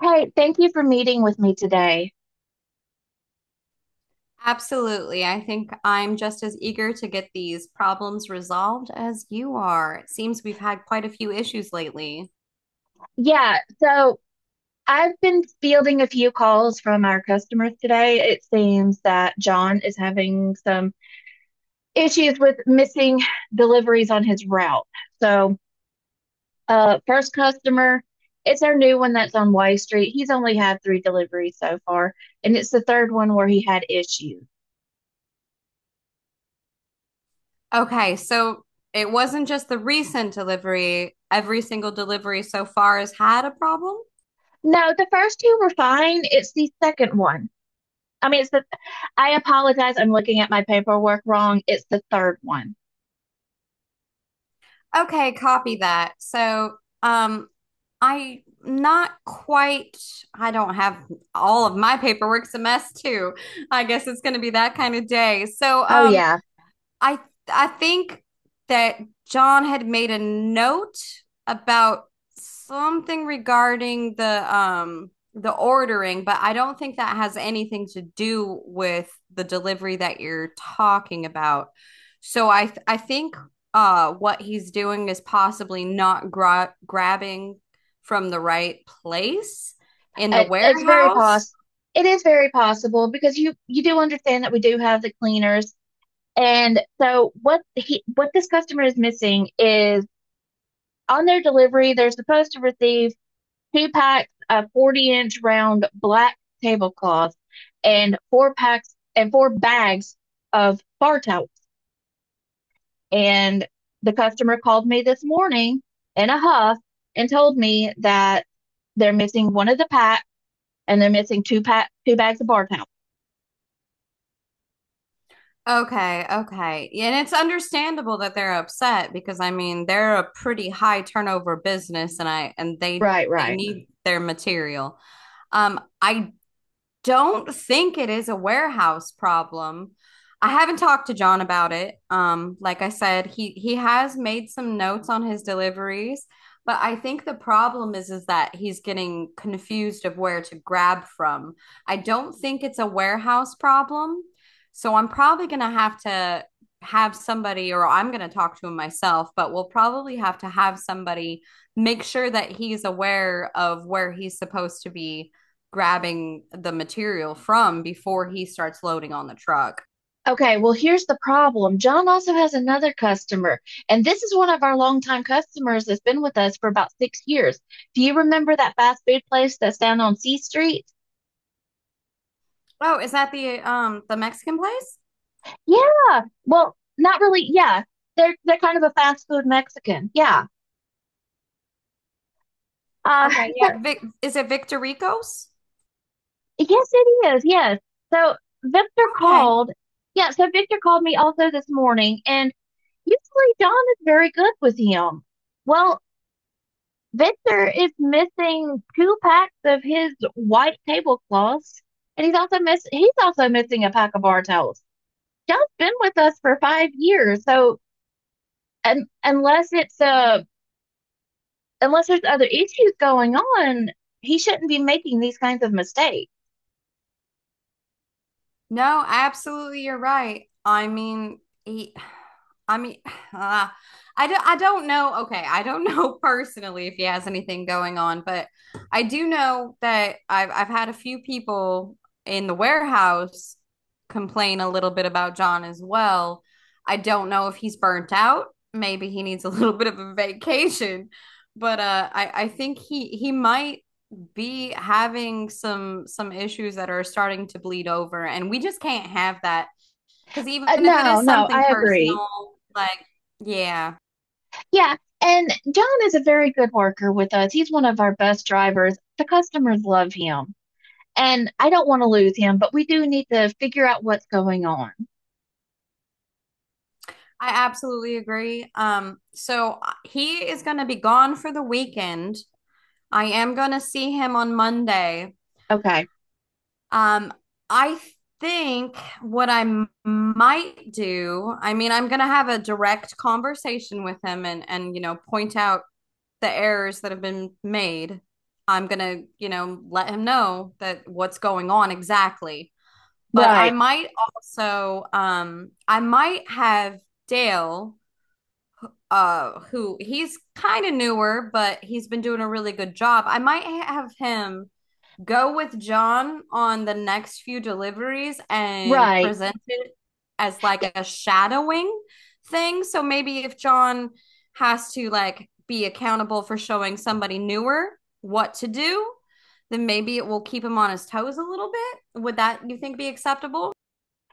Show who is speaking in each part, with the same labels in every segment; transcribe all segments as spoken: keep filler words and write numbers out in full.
Speaker 1: Hey, thank you for meeting with me today.
Speaker 2: Absolutely. I think I'm just as eager to get these problems resolved as you are. It seems we've had quite a few issues lately.
Speaker 1: Yeah, so I've been fielding a few calls from our customers today. It seems that John is having some issues with missing deliveries on his route. So, uh, first customer, it's our new one that's on Y Street. He's only had three deliveries so far, and it's the third one where he had issues.
Speaker 2: Okay, so it wasn't just the recent delivery. Every single delivery so far has had a problem.
Speaker 1: No, the first two were fine. It's the second one. I mean, it's the, I apologize. I'm looking at my paperwork wrong. It's the third one.
Speaker 2: Okay, copy that. So, um, I not quite, I don't have all of my paperwork's a mess too. I guess it's going to be that kind of day. So,
Speaker 1: Oh
Speaker 2: um,
Speaker 1: yeah,
Speaker 2: I I think that John had made a note about something regarding the um the ordering, but I don't think that has anything to do with the delivery that you're talking about. So I th- I think uh what he's doing is possibly not gra- grabbing from the right place in the
Speaker 1: it, it's very
Speaker 2: warehouse.
Speaker 1: poss. It is very possible because you you do understand that we do have the cleaners, and so what he what this customer is missing is on their delivery they're supposed to receive two packs of forty inch round black tablecloths and four packs and four bags of bar towels. And the customer called me this morning in a huff and told me that they're missing one of the packs and they're missing two pack two bags of bar towel.
Speaker 2: Okay, okay, yeah. And it's understandable that they're upset because I mean, they're a pretty high turnover business, and I and they
Speaker 1: Right,
Speaker 2: they
Speaker 1: right.
Speaker 2: need their material. Um, I don't think it is a warehouse problem. I haven't talked to John about it. Um, like I said, he he has made some notes on his deliveries, but I think the problem is is that he's getting confused of where to grab from. I don't think it's a warehouse problem, so I'm probably gonna have to have somebody, or I'm gonna talk to him myself. But we'll probably have to have somebody make sure that he's aware of where he's supposed to be grabbing the material from before he starts loading on the truck.
Speaker 1: Okay, well, here's the problem. John also has another customer, and this is one of our longtime customers that's been with us for about six years. Do you remember that fast food place that's down on C Street?
Speaker 2: Oh, is that the um the Mexican place?
Speaker 1: Yeah. Well, not really. Yeah, they're they're kind of a fast food Mexican. Yeah. Uh,
Speaker 2: Okay, yeah.
Speaker 1: so
Speaker 2: Vic- is it Victorico's?
Speaker 1: yes, it is. Yes. So Victor
Speaker 2: Okay.
Speaker 1: called. Yeah. So Victor called me also this morning, and usually John is very good with him. Well, Victor is missing two packs of his white tablecloths, and he's also miss he's also missing a pack of bar towels. Y'all's been with us for five years, so and unless it's uh unless there's other issues going on, he shouldn't be making these kinds of mistakes.
Speaker 2: No, absolutely, you're right. I mean, he, I mean, uh, I don't, I don't know. Okay, I don't know personally if he has anything going on, but I do know that I've I've had a few people in the warehouse complain a little bit about John as well. I don't know if he's burnt out. Maybe he needs a little bit of a vacation, but uh, I I think he he might be having some some issues that are starting to bleed over, and we just can't have that, because even
Speaker 1: Uh,
Speaker 2: if it
Speaker 1: no,
Speaker 2: is
Speaker 1: no,
Speaker 2: something
Speaker 1: I agree.
Speaker 2: personal, like, yeah,
Speaker 1: Yeah, and John is a very good worker with us. He's one of our best drivers. The customers love him, and I don't want to lose him, but we do need to figure out what's going on.
Speaker 2: I absolutely agree. Um so uh, he is going to be gone for the weekend. I am going to see him on Monday.
Speaker 1: Okay.
Speaker 2: um i think what i m- might do, I mean, I'm going to have a direct conversation with him and and you know point out the errors that have been made. I'm going to, you know, let him know that what's going on exactly. But I
Speaker 1: Right,
Speaker 2: might also um I might have Dale, uh who he's kind of newer, but he's been doing a really good job. I might have him go with John on the next few deliveries and
Speaker 1: right.
Speaker 2: present it as
Speaker 1: Yeah,
Speaker 2: like a shadowing thing. So maybe if John has to, like, be accountable for showing somebody newer what to do, then maybe it will keep him on his toes a little bit. Would that, you think, be acceptable?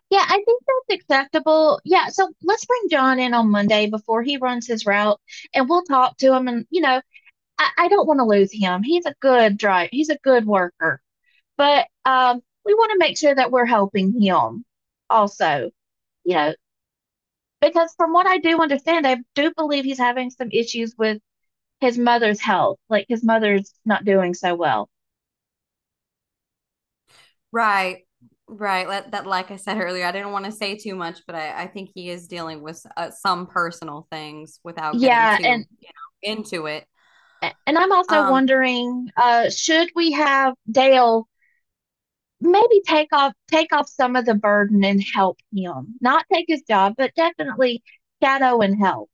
Speaker 1: yeah, I think that's acceptable. Yeah, so let's bring John in on Monday before he runs his route and we'll talk to him and you know, I, I don't want to lose him. He's a good driver. He's a good worker. But um we want to make sure that we're helping him also, you know, because from what I do understand, I do believe he's having some issues with his mother's health. Like his mother's not doing so well.
Speaker 2: Right. Right. Let that, like I said earlier, I didn't want to say too much, but I, I think he is dealing with uh, some personal things without getting
Speaker 1: Yeah,
Speaker 2: too,
Speaker 1: and
Speaker 2: you know, into it.
Speaker 1: and I'm also
Speaker 2: Um.
Speaker 1: wondering, uh, should we have Dale maybe take off take off some of the burden and help him. Not take his job, but definitely shadow and help.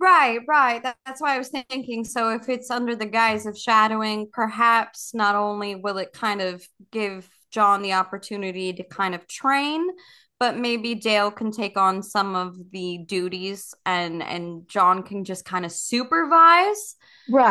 Speaker 2: Right, right. That, that's why I was thinking. So, if it's under the guise of shadowing, perhaps not only will it kind of give John the opportunity to kind of train, but maybe Dale can take on some of the duties, and and John can just kind of supervise,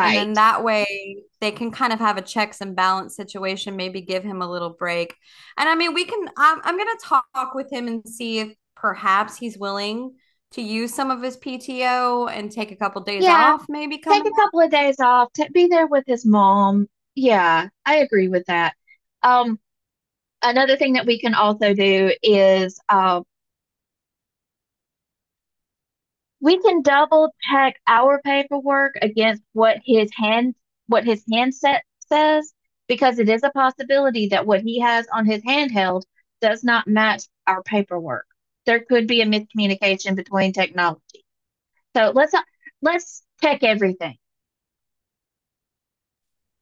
Speaker 2: and then that way they can kind of have a checks and balance situation, maybe give him a little break. And I mean, we can, I'm, I'm going to talk with him and see if perhaps he's willing to use some of his P T O and take a couple days
Speaker 1: Yeah.
Speaker 2: off, maybe
Speaker 1: Take
Speaker 2: coming
Speaker 1: a
Speaker 2: up.
Speaker 1: couple of days off. Ta be there with his mom. Yeah, I agree with that. Um, another thing that we can also do is um We can double check our paperwork against what his hand what his handset says because it is a possibility that what he has on his handheld does not match our paperwork. There could be a miscommunication between technology. So let's not, let's check everything.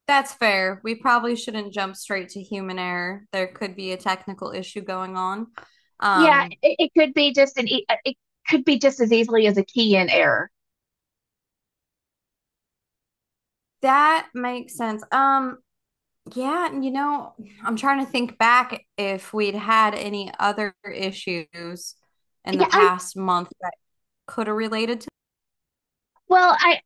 Speaker 2: That's fair. We probably shouldn't jump straight to human error. There could be a technical issue going on.
Speaker 1: Yeah,
Speaker 2: Um,
Speaker 1: it, it could be just an e- it could be just as easily as a key in error.
Speaker 2: that makes sense. Um, Yeah, and you know, I'm trying to think back if we'd had any other issues in the
Speaker 1: Yeah, I
Speaker 2: past month that could have related to.
Speaker 1: well, I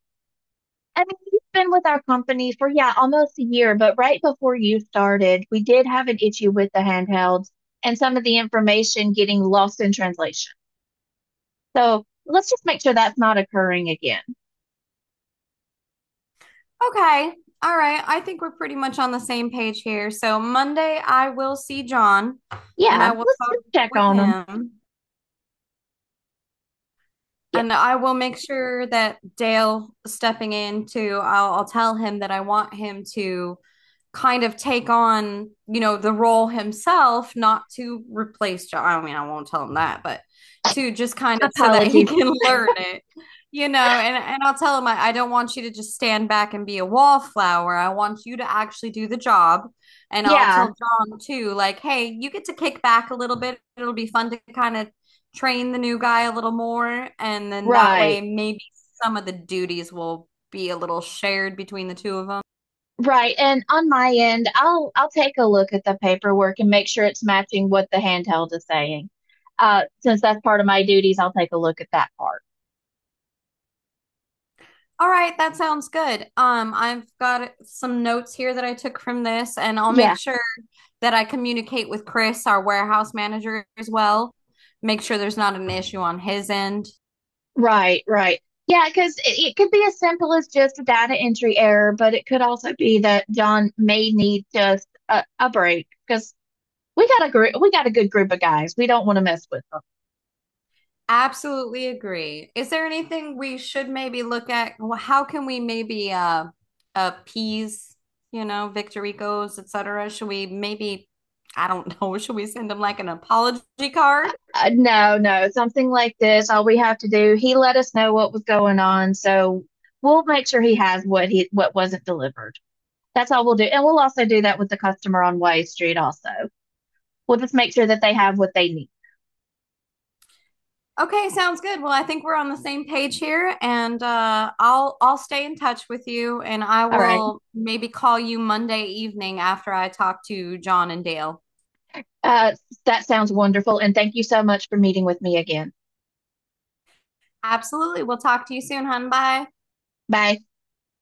Speaker 1: I mean, he's been with our company for, yeah, almost a year, but right before you started, we did have an issue with the handhelds and some of the information getting lost in translation. So let's just make sure that's not occurring again.
Speaker 2: Okay, all right. I think we're pretty much on the same page here. So Monday, I will see John and
Speaker 1: Yeah,
Speaker 2: I will
Speaker 1: let's
Speaker 2: talk
Speaker 1: just check
Speaker 2: with
Speaker 1: on them.
Speaker 2: him.
Speaker 1: Yeah,
Speaker 2: And I will make sure that Dale stepping in too, I'll, I'll tell him that I want him to kind of take on, you know, the role himself, not to replace John. I mean, I won't tell him that, but to just kind of so that he
Speaker 1: apologies.
Speaker 2: can learn it, you know. And, and I'll tell him, I, I don't want you to just stand back and be a wallflower. I want you to actually do the job. And I'll
Speaker 1: Yeah,
Speaker 2: tell John too, like, hey, you get to kick back a little bit. It'll be fun to kind of train the new guy a little more, and then that way
Speaker 1: right.
Speaker 2: maybe some of the duties will be a little shared between the two of them.
Speaker 1: Right. And on my end, I'll I'll take a look at the paperwork and make sure it's matching what the handheld is saying. Uh, since that's part of my duties, I'll take a look at that part.
Speaker 2: All right, that sounds good. Um, I've got some notes here that I took from this, and I'll make
Speaker 1: Yeah.
Speaker 2: sure that I communicate with Chris, our warehouse manager, as well. Make sure there's not an issue on his end.
Speaker 1: Right, right. Yeah, because it, it could be as simple as just a data entry error, but it could also be that John may need just a, a break because we got a group, we got a good group of guys. We don't want to mess with them.
Speaker 2: Absolutely agree. Is there anything we should maybe look at? Wh- How can we maybe uh appease, you know, Victoricos, et cetera? Should we maybe, I don't know, should we send them like an apology card?
Speaker 1: Uh, no, no, something like this. All we have to do, he let us know what was going on, so we'll make sure he has what he what wasn't delivered. That's all we'll do, and we'll also do that with the customer on Way Street. Also, we'll just make sure that they have what they need.
Speaker 2: Okay, sounds good. Well, I think we're on the same page here, and uh, I'll I'll stay in touch with you, and I
Speaker 1: All right.
Speaker 2: will maybe call you Monday evening after I talk to John and Dale.
Speaker 1: Uh, that sounds wonderful. And thank you so much for meeting with me again.
Speaker 2: Absolutely. We'll talk to you soon, hun. Bye.
Speaker 1: Bye.